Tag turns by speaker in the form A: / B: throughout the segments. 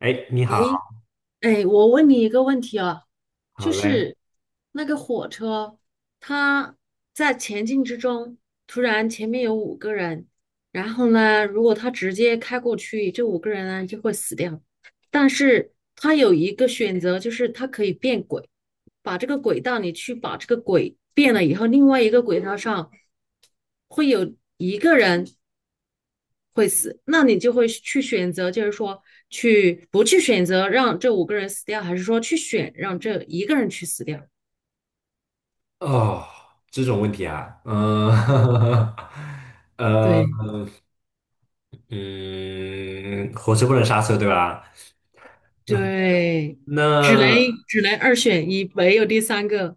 A: 哎，你好，
B: 哎，我问你一个问题啊，就
A: 好嘞。
B: 是那个火车，它在前进之中，突然前面有五个人，然后呢，如果他直接开过去，这五个人呢就会死掉。但是它有一个选择，就是它可以变轨，把这个轨道你去把这个轨变了以后，另外一个轨道上会有一个人，会死，那你就会去选择，就是说去不去选择让这五个人死掉，还是说去选让这一个人去死掉？
A: 哦，这种问题啊，呃，
B: 对
A: 嗯，火车不能刹车，对吧？
B: 对，只能
A: 那
B: 只能二选一，没有第三个。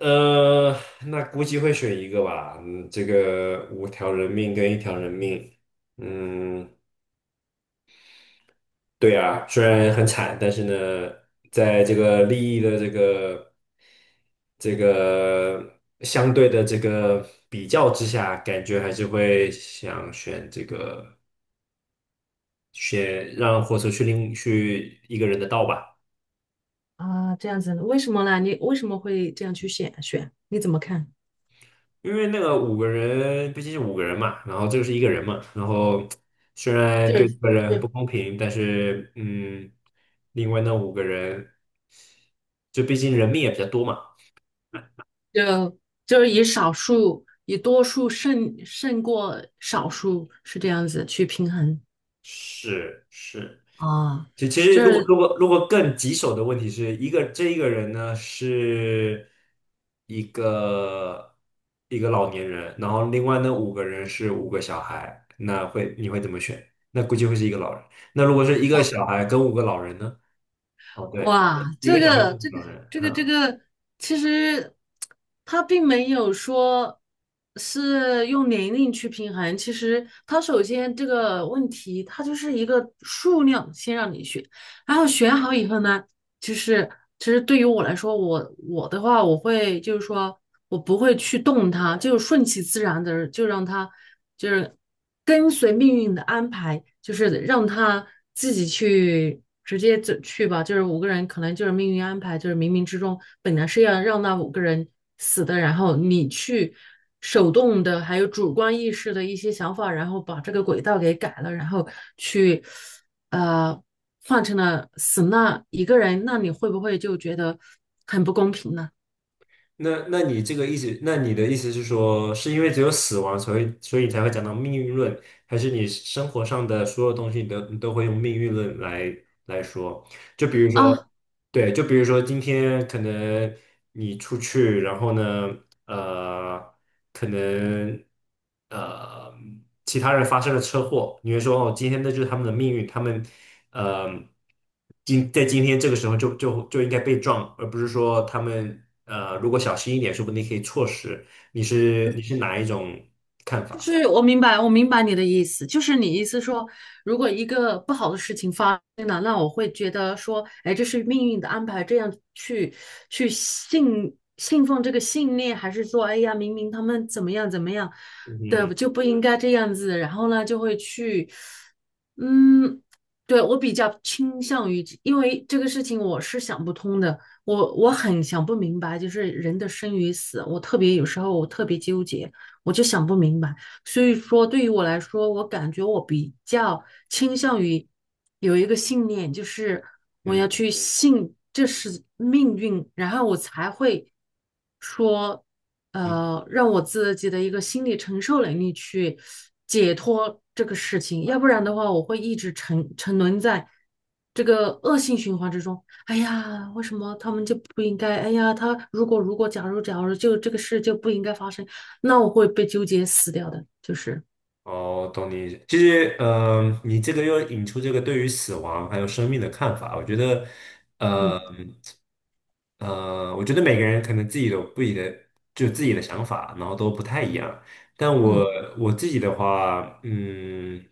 A: 呃，那估计会选一个吧。嗯，这个五条人命跟一条人命，嗯，对啊，虽然很惨，但是呢，在这个利益的这个相对的这个比较之下，感觉还是会想选这个选让火车去一个人的道吧，
B: 啊，这样子，为什么呢？你为什么会这样去选？你怎么看？
A: 因为那个五个人毕竟是五个人嘛，然后这个是一个人嘛，然后虽然
B: 就
A: 对这
B: 是
A: 个人很不
B: 就
A: 公平，但是另外那五个人就毕竟人命也比较多嘛，
B: 就就是以多数胜过少数，是这样子去平衡
A: 是是。
B: 啊。
A: 其实，
B: 就
A: 如果
B: 是
A: 如果如果更棘手的问题是这一个人呢是一个一个老年人，然后另外那五个人是五个小孩，你会怎么选？那估计会是一个老人。那如果是一个小孩跟五个老人呢？哦，对，
B: 哇，
A: 一
B: 这
A: 个小孩跟
B: 个
A: 五
B: 这个
A: 个老人，
B: 这个这
A: 哈、
B: 个，其实他并没有说是用年龄去平衡，其实他首先这个问题，它就是一个数量先让你选，然后选好以后呢，就是其实对于我来说，我的话，我会就是说我不会去动它，就顺其自然的，就让它就是跟随命运的安排，就是让它自己去直接走去吧。就是五个人可能就是命运安排，就是冥冥之中本来是要让那5个人死的，然后你去。手动的，还有主观意识的一些想法，然后把这个轨道给改了，然后去呃换成了死那一个人，那你会不会就觉得很不公平呢？
A: 那你这个意思，那你的意思是说，是因为只有死亡，所以你才会讲到命运论，还是你生活上的所有东西你都会用命运论来说？就比如说。
B: 啊，
A: 对，就比如说今天可能你出去，然后呢，呃，可能呃其他人发生了车祸，你会说哦，今天那就是他们的命运，他们呃今天这个时候就应该被撞，而不是说他们如果小心一点，说不定可以错失。你是哪一种看
B: 就
A: 法？
B: 是我明白，我明白你的意思，就是你意思说，如果一个不好的事情发生了，那我会觉得说，哎，这是命运的安排，这样去信奉这个信念，还是说，哎呀，明明他们怎么样怎么样
A: 嗯
B: 的，就不应该这样子，然后呢，就会去，嗯，对，我比较倾向于，因为这个事情我是想不通的，我很想不明白，就是人的生与死，我特别有时候我特别纠结，我就想不明白。所以说，对于我来说，我感觉我比较倾向于有一个信念，就是我要
A: 嗯。
B: 去信这是命运，然后我才会说，让我自己的一个心理承受能力去解脱这个事情，要不然的话，我会一直沉沦在这个恶性循环之中。哎呀，为什么他们就不应该？哎呀，他如果如果假如假如就这个事就不应该发生。那我会被纠结死掉的，就是
A: 哦，懂你意思。其实，你这个又引出这个对于死亡还有生命的看法。我觉得，
B: 嗯
A: 呃，我觉得每个人可能自己有不己的，就自己的想法，然后都不太一样。但我
B: 嗯
A: 我自己的话，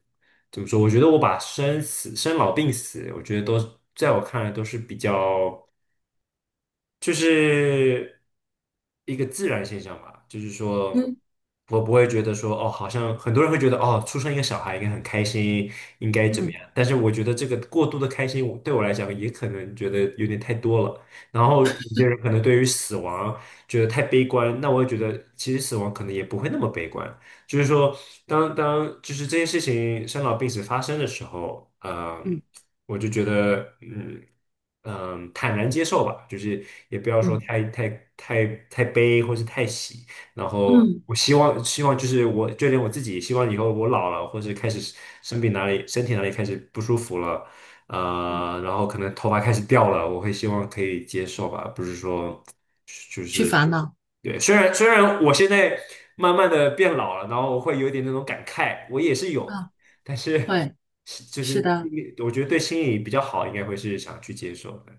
A: 怎么说？我觉得我把生死、生老病死，我觉得都在我看来都是比较。就是一个自然现象吧，就是说，
B: 嗯
A: 我不会觉得说，哦，好像很多人会觉得，哦，出生一个小孩应该很开心，应该怎么
B: 嗯
A: 样？但是我觉得这个过度的开心，我对我来讲也可能觉得有点太多了。然后有些人可能对于死亡觉得太悲观，那我也觉得其实死亡可能也不会那么悲观。就是说，当就是这件事情生老病死发生的时候，
B: 嗯
A: 我就觉得，坦然接受吧，就是也不要说
B: 嗯
A: 太悲或是太喜。然后
B: 嗯
A: 我希望就是我就连我自己，希望以后我老了或者开始生病哪里身体哪里开始不舒服了，
B: 嗯，
A: 然后可能头发开始掉了，我会希望可以接受吧，不是说。
B: 去烦恼
A: 对，虽然我现在慢慢的变老了，然后我会有点那种感慨，我也是有的，
B: 啊，
A: 但是
B: 会
A: 是就是
B: 是
A: 心
B: 的。
A: 理我觉得对心理比较好，应该会是想去接受的。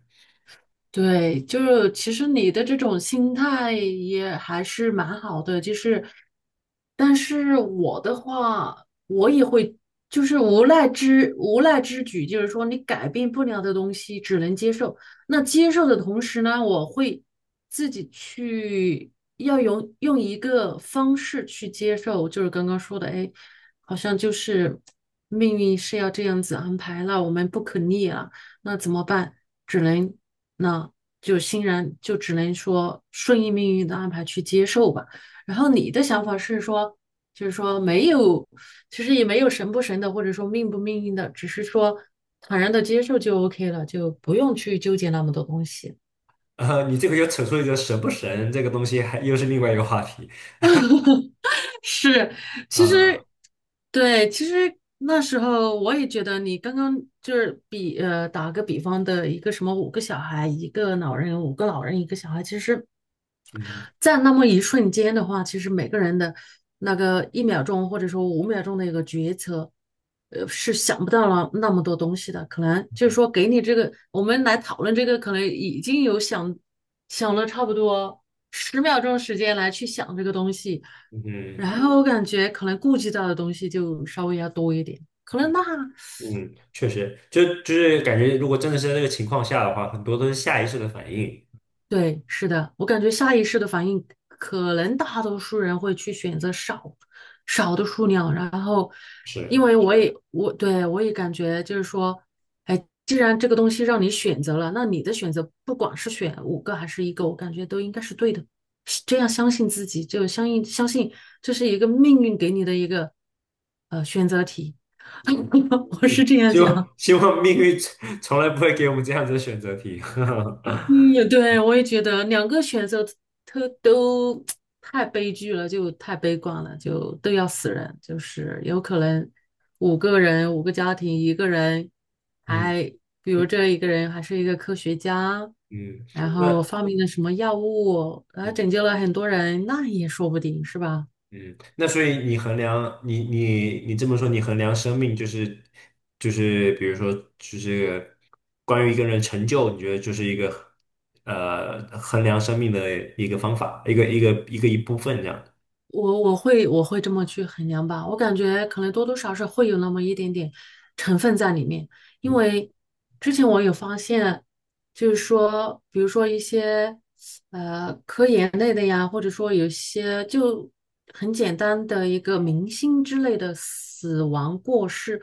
B: 对，就是其实你的这种心态也还是蛮好的，就是，但是我的话，我也会就是无奈之举，就是说你改变不了的东西，只能接受。那接受的同时呢，我会自己去要用一个方式去接受，就是刚刚说的，哎，好像就是命运是要这样子安排了，我们不可逆了，那怎么办？只能。那就欣然就只能说顺应命运的安排去接受吧。然后你的想法是说，就是说没有，其实也没有神不神的，或者说命不命运的，只是说坦然的接受就 OK 了，就不用去纠结那么多东西。
A: 你这个又扯出一个神不神这个东西还，又是另外一个话题
B: 是，其
A: 啊，
B: 实，对，其实那时候我也觉得你刚刚就是打个比方的一个什么5个小孩，一个老人，5个老人，一个小孩，其实，
A: 嗯
B: 在那么一瞬间的话，其实每个人的那个1秒钟或者说5秒钟的一个决策，是想不到了那么多东西的。可能就是
A: 嗯
B: 说给你这个，我们来讨论这个，可能已经有想了差不多10秒钟时间来去想这个东西。
A: 嗯
B: 然后我感觉可能顾及到的东西就稍微要多一点，可能那，
A: 嗯，确实，就是感觉如果真的是在这个情况下的话，很多都是下意识的反应，
B: 对，是的，我感觉下意识的反应，可能大多数人会去选择少的数量，然后，因
A: 是，
B: 为我也感觉就是说，哎，既然这个东西让你选择了，那你的选择不管是选五个还是一个，我感觉都应该是对的，是这样相信自己，就相信这是一个命运给你的一个选择题，
A: 嗯
B: 我是
A: 嗯，
B: 这样
A: 希望
B: 想。
A: 希望命运从来不会给我们这样子的选择题，
B: 嗯，对，我也觉得两个选择都太悲剧了，就太悲观了，就都要死人。就是有可能五个人，5个家庭，一个人
A: 嗯。嗯
B: 还，比如这一个人还是一个科学家，
A: 嗯，
B: 然嗯
A: 那
B: 后发明了什么药物，还
A: 嗯
B: 拯救了很多人，那也说不定是吧？
A: 嗯，那所以你衡量你这么说，你衡量生命就是比如说就是关于一个人成就，你觉得就是一个衡量生命的一个方法，一部分这样。
B: 我会这么去衡量吧，我感觉可能多多少少会有那么一点点成分在里面，因
A: 嗯
B: 为之前我有发现，就是说，比如说一些。科研类的呀，或者说有些就很简单的一个明星之类的死亡过世，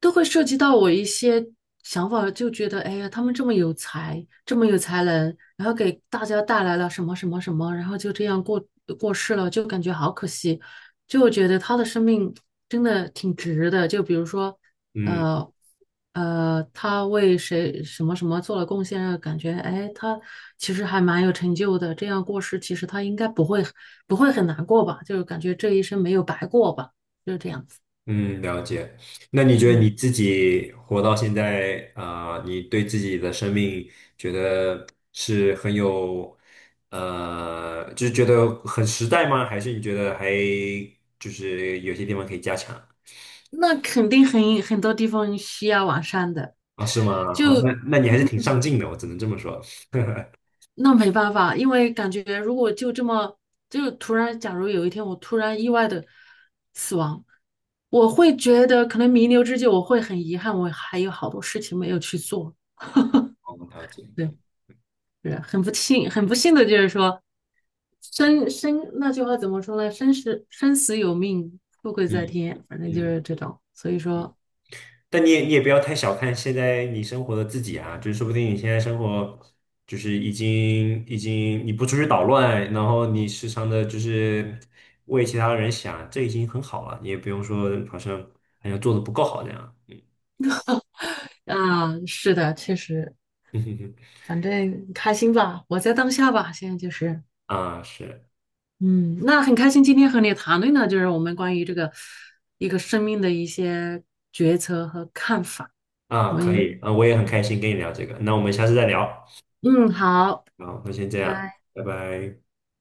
B: 都会涉及到我一些想法，就觉得哎呀，他们这么有才，这么有才能，然后给大家带来了什么什么什么，然后就这样过过世了，就感觉好可惜，就觉得他的生命真的挺值的。就比如说。
A: 嗯。
B: 呃他为谁什么什么做了贡献，让感觉哎，他其实还蛮有成就的。这样过世，其实他应该不会很难过吧？就是感觉这一生没有白过吧，就是这样子。
A: 嗯，了解。那你觉得
B: 嗯，
A: 你自己活到现在啊，你对自己的生命觉得是很有，就是觉得很实在吗？还是你觉得还就是有些地方可以加强
B: 那肯定很多地方需要完善的，
A: 啊？是吗？哦，那
B: 就
A: 那你还是挺上进的，我只能这么说。
B: 那没办法，因为感觉如果就这么就突然，假如有一天我突然意外的死亡。我会觉得可能弥留之际，我会很遗憾，我还有好多事情没有去做。
A: 我了解。
B: 对，是很不幸，很不幸的就是说，那句话怎么说呢？生死有命，富贵在
A: 嗯
B: 天，反正就
A: 嗯。
B: 是这种。所以说
A: 但你也不要太小看现在你生活的自己啊，就是说不定你现在生活就是已经你不出去捣乱，然后你时常的就是为其他人想，这已经很好了，你也不用说好像做的不够好这样。嗯，
B: 啊，是的，确实，反正开心吧，活在当下吧。现在就是，
A: 啊是
B: 嗯，那很开心今天和你谈论的就是我们关于这个一个生命的一些决策和看法。
A: 啊，
B: 我
A: 可以
B: 们
A: 啊，我也很开
B: 嗯，
A: 心跟你聊这个，那我们下次再聊。
B: 嗯好，
A: 好，那先
B: 拜
A: 这样，
B: 拜。
A: 拜拜。